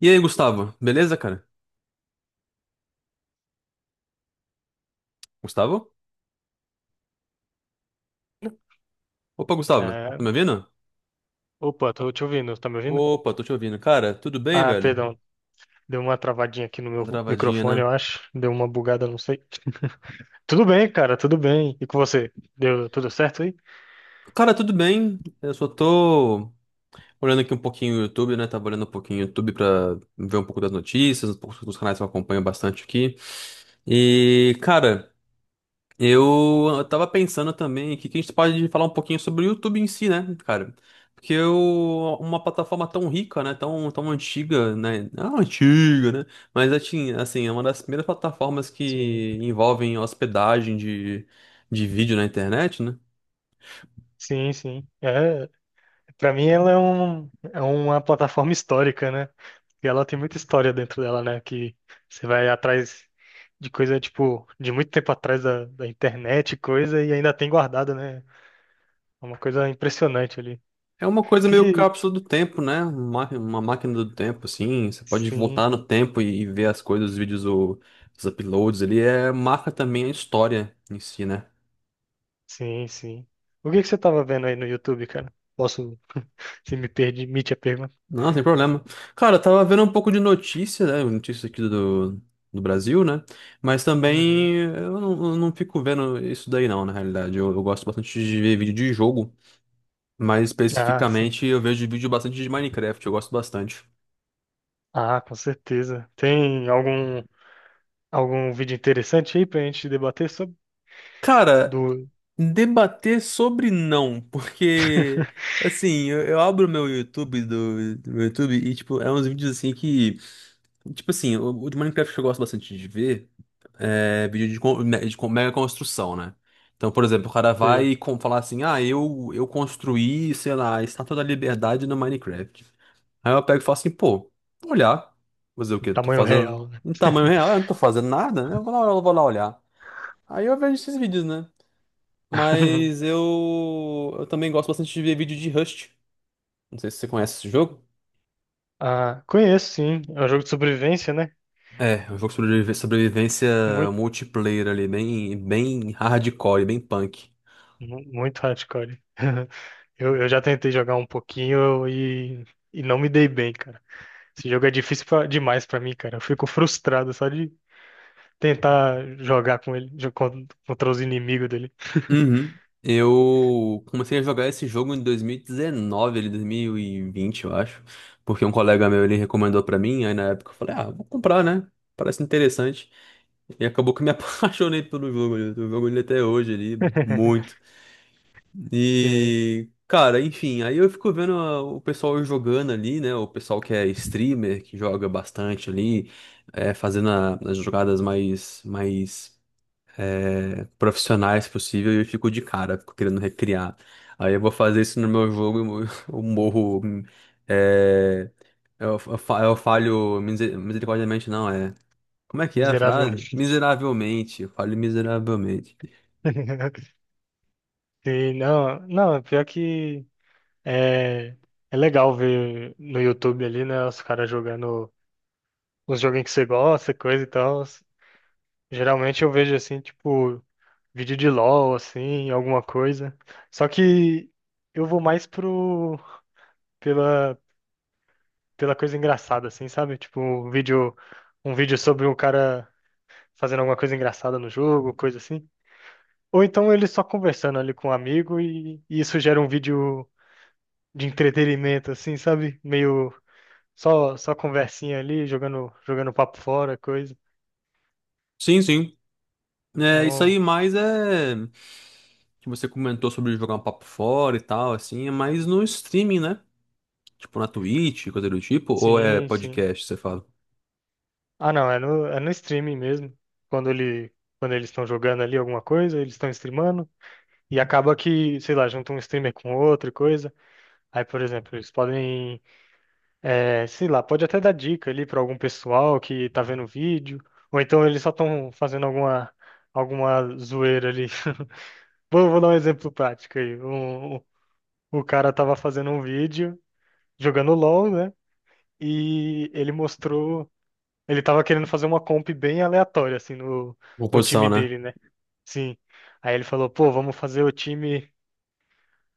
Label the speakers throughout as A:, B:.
A: E aí, Gustavo? Beleza, cara? Gustavo? Opa, Gustavo,
B: É,
A: tá me ouvindo?
B: opa, tô te ouvindo, tá me ouvindo?
A: Opa, tô te ouvindo. Cara, tudo bem,
B: Ah,
A: velho?
B: perdão, deu uma travadinha aqui no meu
A: Travadinha,
B: microfone,
A: né?
B: eu acho. Deu uma bugada, não sei. Tudo bem, cara, tudo bem. E com você? Deu tudo certo aí?
A: Cara, tudo bem. Eu só tô olhando aqui um pouquinho o YouTube, né? Tava olhando um pouquinho o YouTube pra ver um pouco das notícias, um pouco dos canais que eu acompanho bastante aqui. E, cara. Eu tava pensando também que a gente pode falar um pouquinho sobre o YouTube em si, né, cara? Porque eu, uma plataforma tão rica, né, tão, tão antiga, né, não antiga, né, mas assim, é uma das primeiras plataformas
B: Sim,
A: que envolvem hospedagem de vídeo na internet, né?
B: sim, sim. É, para mim ela é, um, é uma plataforma histórica, né? E ela tem muita história dentro dela, né? Que você vai atrás de coisa, tipo, de muito tempo atrás da internet, e coisa, e ainda tem guardado, né? É uma coisa impressionante ali.
A: É uma coisa
B: que
A: meio
B: que...
A: cápsula do tempo, né? Uma máquina do tempo, assim, você pode
B: Sim.
A: voltar no tempo e ver as coisas, os vídeos, os uploads ali, é, marca também a história em si, né?
B: Sim, sim. O que que você tava vendo aí no YouTube, cara? Posso, se me permite a pergunta?
A: Não, sem problema. Cara, eu tava vendo um pouco de notícia, né? Notícias aqui do Brasil, né? Mas
B: Uhum.
A: também eu não fico vendo isso daí, não, na realidade. Eu gosto bastante de ver vídeo de jogo, mas
B: Ah, sim.
A: especificamente eu vejo vídeo bastante de Minecraft, eu gosto bastante.
B: Ah, com certeza. Tem algum vídeo interessante aí pra gente debater sobre
A: Cara,
B: do,
A: debater sobre não, porque assim, eu abro meu YouTube do meu YouTube e, tipo, é uns vídeos assim que. Tipo assim, o de Minecraft eu gosto bastante de ver. É, vídeo de, mega construção, né? Então, por exemplo, o cara vai
B: de
A: falar assim, ah, eu construí, sei lá, a Estátua da Liberdade no Minecraft. Aí eu pego e falo assim, pô, vou olhar. Fazer o quê? Tô
B: tamanho
A: fazendo
B: real, né?
A: em tamanho real, eu não tô fazendo nada, né? Eu vou lá olhar. Aí eu vejo esses vídeos, né? Mas eu também gosto bastante de ver vídeo de Rust. Não sei se você conhece esse jogo.
B: Ah, conheço sim. É um jogo de sobrevivência, né?
A: É um jogo sobre sobrevivência
B: Muito,
A: multiplayer ali, bem, bem hardcore, bem punk.
B: mu- muito hardcore. Eu já tentei jogar um pouquinho e não me dei bem, cara. Esse jogo é difícil pra- demais pra mim, cara. Eu fico frustrado só de tentar jogar com ele, jo- con- contra os inimigos dele.
A: Uhum. Eu comecei a jogar esse jogo em 2019, ele 2020 eu acho, porque um colega meu ele recomendou pra mim, aí na época eu falei, ah, vou comprar, né? Parece interessante. E acabou que eu me apaixonei pelo jogo, eu tô jogando ele até hoje ali, muito.
B: Sim,
A: E, cara, enfim, aí eu fico vendo o pessoal jogando ali, né? O pessoal que é streamer, que joga bastante ali, é, fazendo as jogadas mais, mais é, profissionais possível e eu fico de cara, fico querendo recriar. Aí eu vou fazer isso no meu jogo e eu eu morro. É, eu falho misericordiamente, não, é. Como é que é a frase?
B: miseravelmente.
A: Miseravelmente, eu falho miseravelmente.
B: Sim, não, não, pior que é, é legal ver no YouTube ali, né, os caras jogando os joguinhos que você gosta, coisa e tal. Geralmente eu vejo assim, tipo, vídeo de LOL, assim, alguma coisa. Só que eu vou mais pro, pela, pela coisa engraçada, assim, sabe? Tipo, um vídeo sobre um cara fazendo alguma coisa engraçada no jogo, coisa assim. Ou então ele só conversando ali com um amigo e isso gera um vídeo de entretenimento, assim, sabe? Meio só, só conversinha ali, jogando, jogando papo fora, coisa.
A: Sim, sim. É, isso aí
B: Então,
A: mais é que você comentou sobre jogar um papo fora e tal, assim, é mais no streaming, né? Tipo na Twitch, coisa do tipo, ou é
B: sim, sim.
A: podcast, você fala?
B: Ah, não, é no streaming mesmo. Quando ele, quando eles estão jogando ali alguma coisa, eles estão streamando. E acaba que, sei lá, junta um streamer com outro e coisa. Aí, por exemplo, eles podem é, sei lá, pode até dar dica ali para algum pessoal que tá vendo o vídeo, ou então eles só estão fazendo alguma, alguma zoeira ali. Vou, vou dar um exemplo prático aí. Um- o cara tava fazendo um vídeo jogando LOL, né? E ele mostrou. Ele tava querendo fazer uma comp bem aleatória, assim, no, no
A: Composição,
B: time
A: né?
B: dele, né? Sim. Aí ele falou, pô, vamos fazer o time,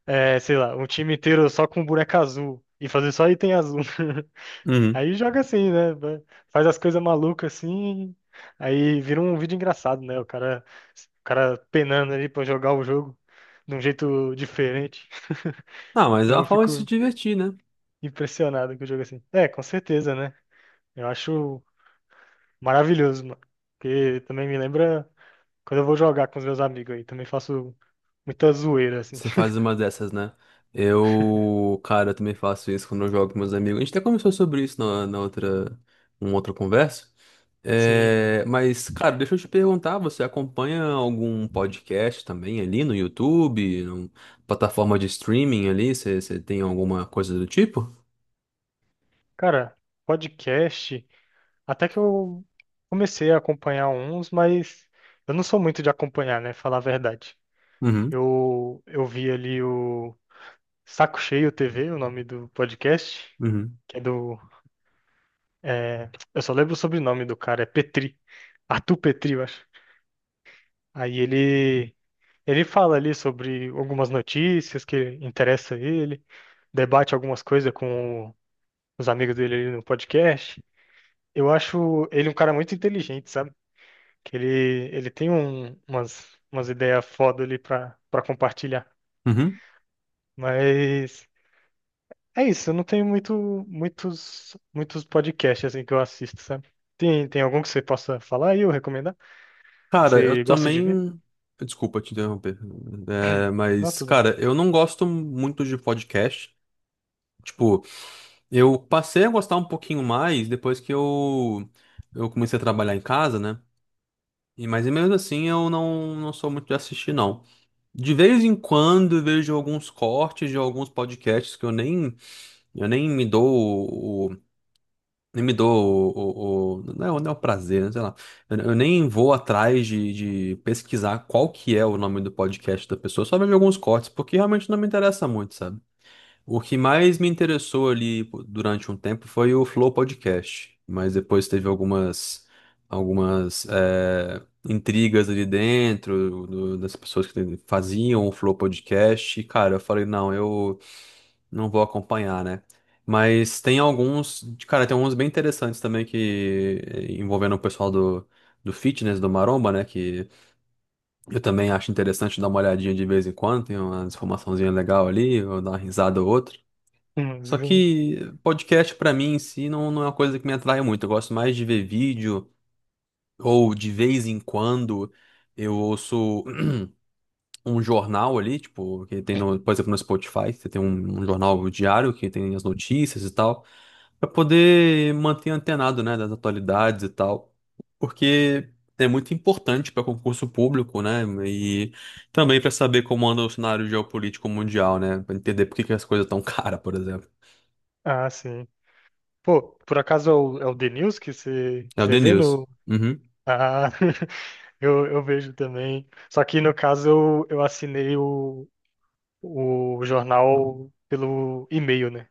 B: é, sei lá, um time inteiro só com boneca azul. E fazer só item azul.
A: Uhum.
B: Aí joga assim, né? Vai- faz as coisas malucas assim, aí vira um vídeo engraçado, né? O cara penando ali pra jogar o jogo de um jeito diferente.
A: Ah, mas é
B: Eu
A: uma forma de se
B: fico
A: divertir, né?
B: impressionado com o jogo assim. É, com certeza, né? Eu acho maravilhoso, mano. Porque também me lembra quando eu vou jogar com os meus amigos aí. Também faço muita zoeira, assim.
A: Você faz uma dessas, né? Cara, eu também faço isso quando eu jogo com meus amigos. A gente até conversou sobre isso numa outra conversa.
B: Sim.
A: É, mas, cara, deixa eu te perguntar, você acompanha algum podcast também ali no YouTube, numa plataforma de streaming ali? Você tem alguma coisa do tipo?
B: Cara, podcast, até que eu comecei a acompanhar uns, mas eu não sou muito de acompanhar, né? Falar a verdade.
A: Uhum,
B: Eu vi ali o Saco Cheio TV, o nome do podcast,
A: uhum,
B: que é do. É, eu só lembro o sobrenome do cara, é Petri. Arthur Petri, eu acho. Aí ele fala ali sobre algumas notícias que interessam ele, debate algumas coisas com os amigos dele ali no podcast. Eu acho ele um cara muito inteligente, sabe? Que ele tem um- umas, umas ideias foda ali pra, pra compartilhar.
A: uhum.
B: Mas é isso, não tem muito, muitos, muitos podcasts assim que eu assisto, sabe? Tem, tem algum que você possa falar e eu recomendar? Que
A: Cara, eu
B: você gosta de ver?
A: também. Desculpa te interromper. É,
B: Não,
A: mas,
B: tudo bem.
A: cara, eu não gosto muito de podcast. Tipo. Eu passei a gostar um pouquinho mais depois que eu comecei a trabalhar em casa, né? E, mas mesmo assim eu não, não sou muito de assistir, não. De vez em quando eu vejo alguns cortes de alguns podcasts que eu nem me dou o, o- nem me dou não é, o não é o prazer, né? Sei lá. Eu nem vou atrás de pesquisar qual que é o nome do podcast da pessoa, só vejo alguns cortes, porque realmente não me interessa muito, sabe? O que mais me interessou ali pô, durante um tempo foi o Flow Podcast, mas depois teve algumas intrigas ali dentro das pessoas que faziam o Flow Podcast. E, cara, eu falei, não, eu não vou acompanhar, né? Mas cara, tem alguns bem interessantes também que envolvendo o pessoal do fitness, do Maromba, né? Que eu também acho interessante dar uma olhadinha de vez em quando, tem uma informaçãozinha legal ali, ou dar uma risada ou outra. Só
B: Sim.
A: que podcast pra mim em si não é uma coisa que me atrai muito. Eu gosto mais de ver vídeo ou de vez em quando eu ouço um jornal ali, tipo, que tem no, por exemplo, no Spotify, você tem um jornal diário que tem as notícias e tal, pra poder manter antenado, né, das atualidades e tal. Porque é muito importante para concurso público, né? E também para saber como anda o cenário geopolítico mundial, né? Para entender por que que as coisas estão caras, por exemplo.
B: Ah, sim. Pô, por acaso é o, é o The News que você,
A: É o
B: você
A: The
B: vê
A: News.
B: no. Ah, eu vejo também. Só que no caso eu assinei o jornal pelo e-mail, né?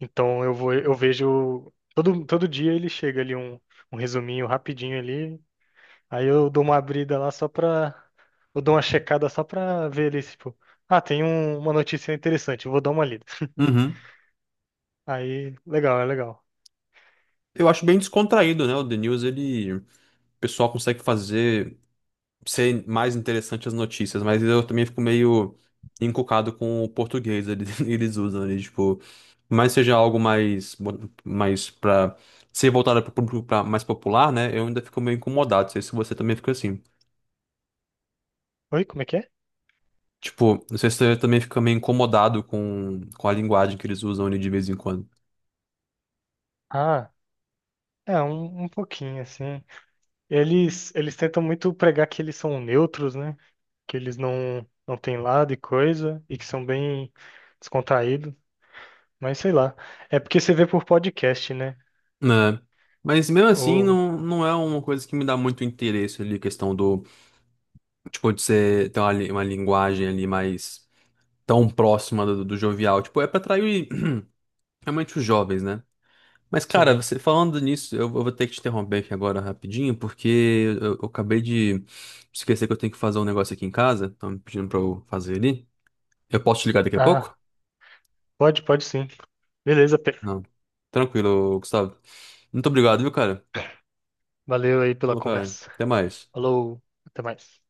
B: Então eu vou, eu vejo. Todo, todo dia ele chega ali um, um resuminho rapidinho ali. Aí eu dou uma abrida lá só pra. Eu dou uma checada só pra ver ali, tipo. Ah, tem um- uma notícia interessante, eu vou dar uma lida.
A: Uhum.
B: Aí, legal, é legal.
A: Eu acho bem descontraído, né? O The News, ele, o pessoal consegue fazer ser mais interessante as notícias, mas eu também fico meio encucado com o português eles usam ali, tipo. Mas seja algo mais, mais para ser voltado para o público mais popular, né? Eu ainda fico meio incomodado. Não sei se você também fica assim.
B: Oi, como é que é?
A: Tipo, não sei se você também fica meio incomodado com a linguagem que eles usam ali de vez em quando.
B: Ah, é, um pouquinho, assim. Eles tentam muito pregar que eles são neutros, né? Que eles não, não têm lado e coisa, e que são bem descontraídos. Mas sei lá. É porque você vê por podcast, né?
A: Né? Mas mesmo assim,
B: Ou,
A: não é uma coisa que me dá muito interesse ali, a questão do tipo, de você ter uma linguagem ali mais tão próxima do jovial. Tipo, é pra atrair realmente os jovens, né? Mas, cara,
B: sim.
A: você falando nisso, eu vou ter que te interromper aqui agora rapidinho, porque eu acabei de esquecer que eu tenho que fazer um negócio aqui em casa. Estão me pedindo pra eu fazer ali. Eu posso te ligar daqui a
B: Ah,
A: pouco?
B: pode, pode sim. Beleza, Pedro.
A: Não. Tranquilo, Gustavo. Muito obrigado, viu, cara?
B: Valeu aí pela
A: Falou, cara.
B: conversa.
A: Até mais.
B: Falou, até mais.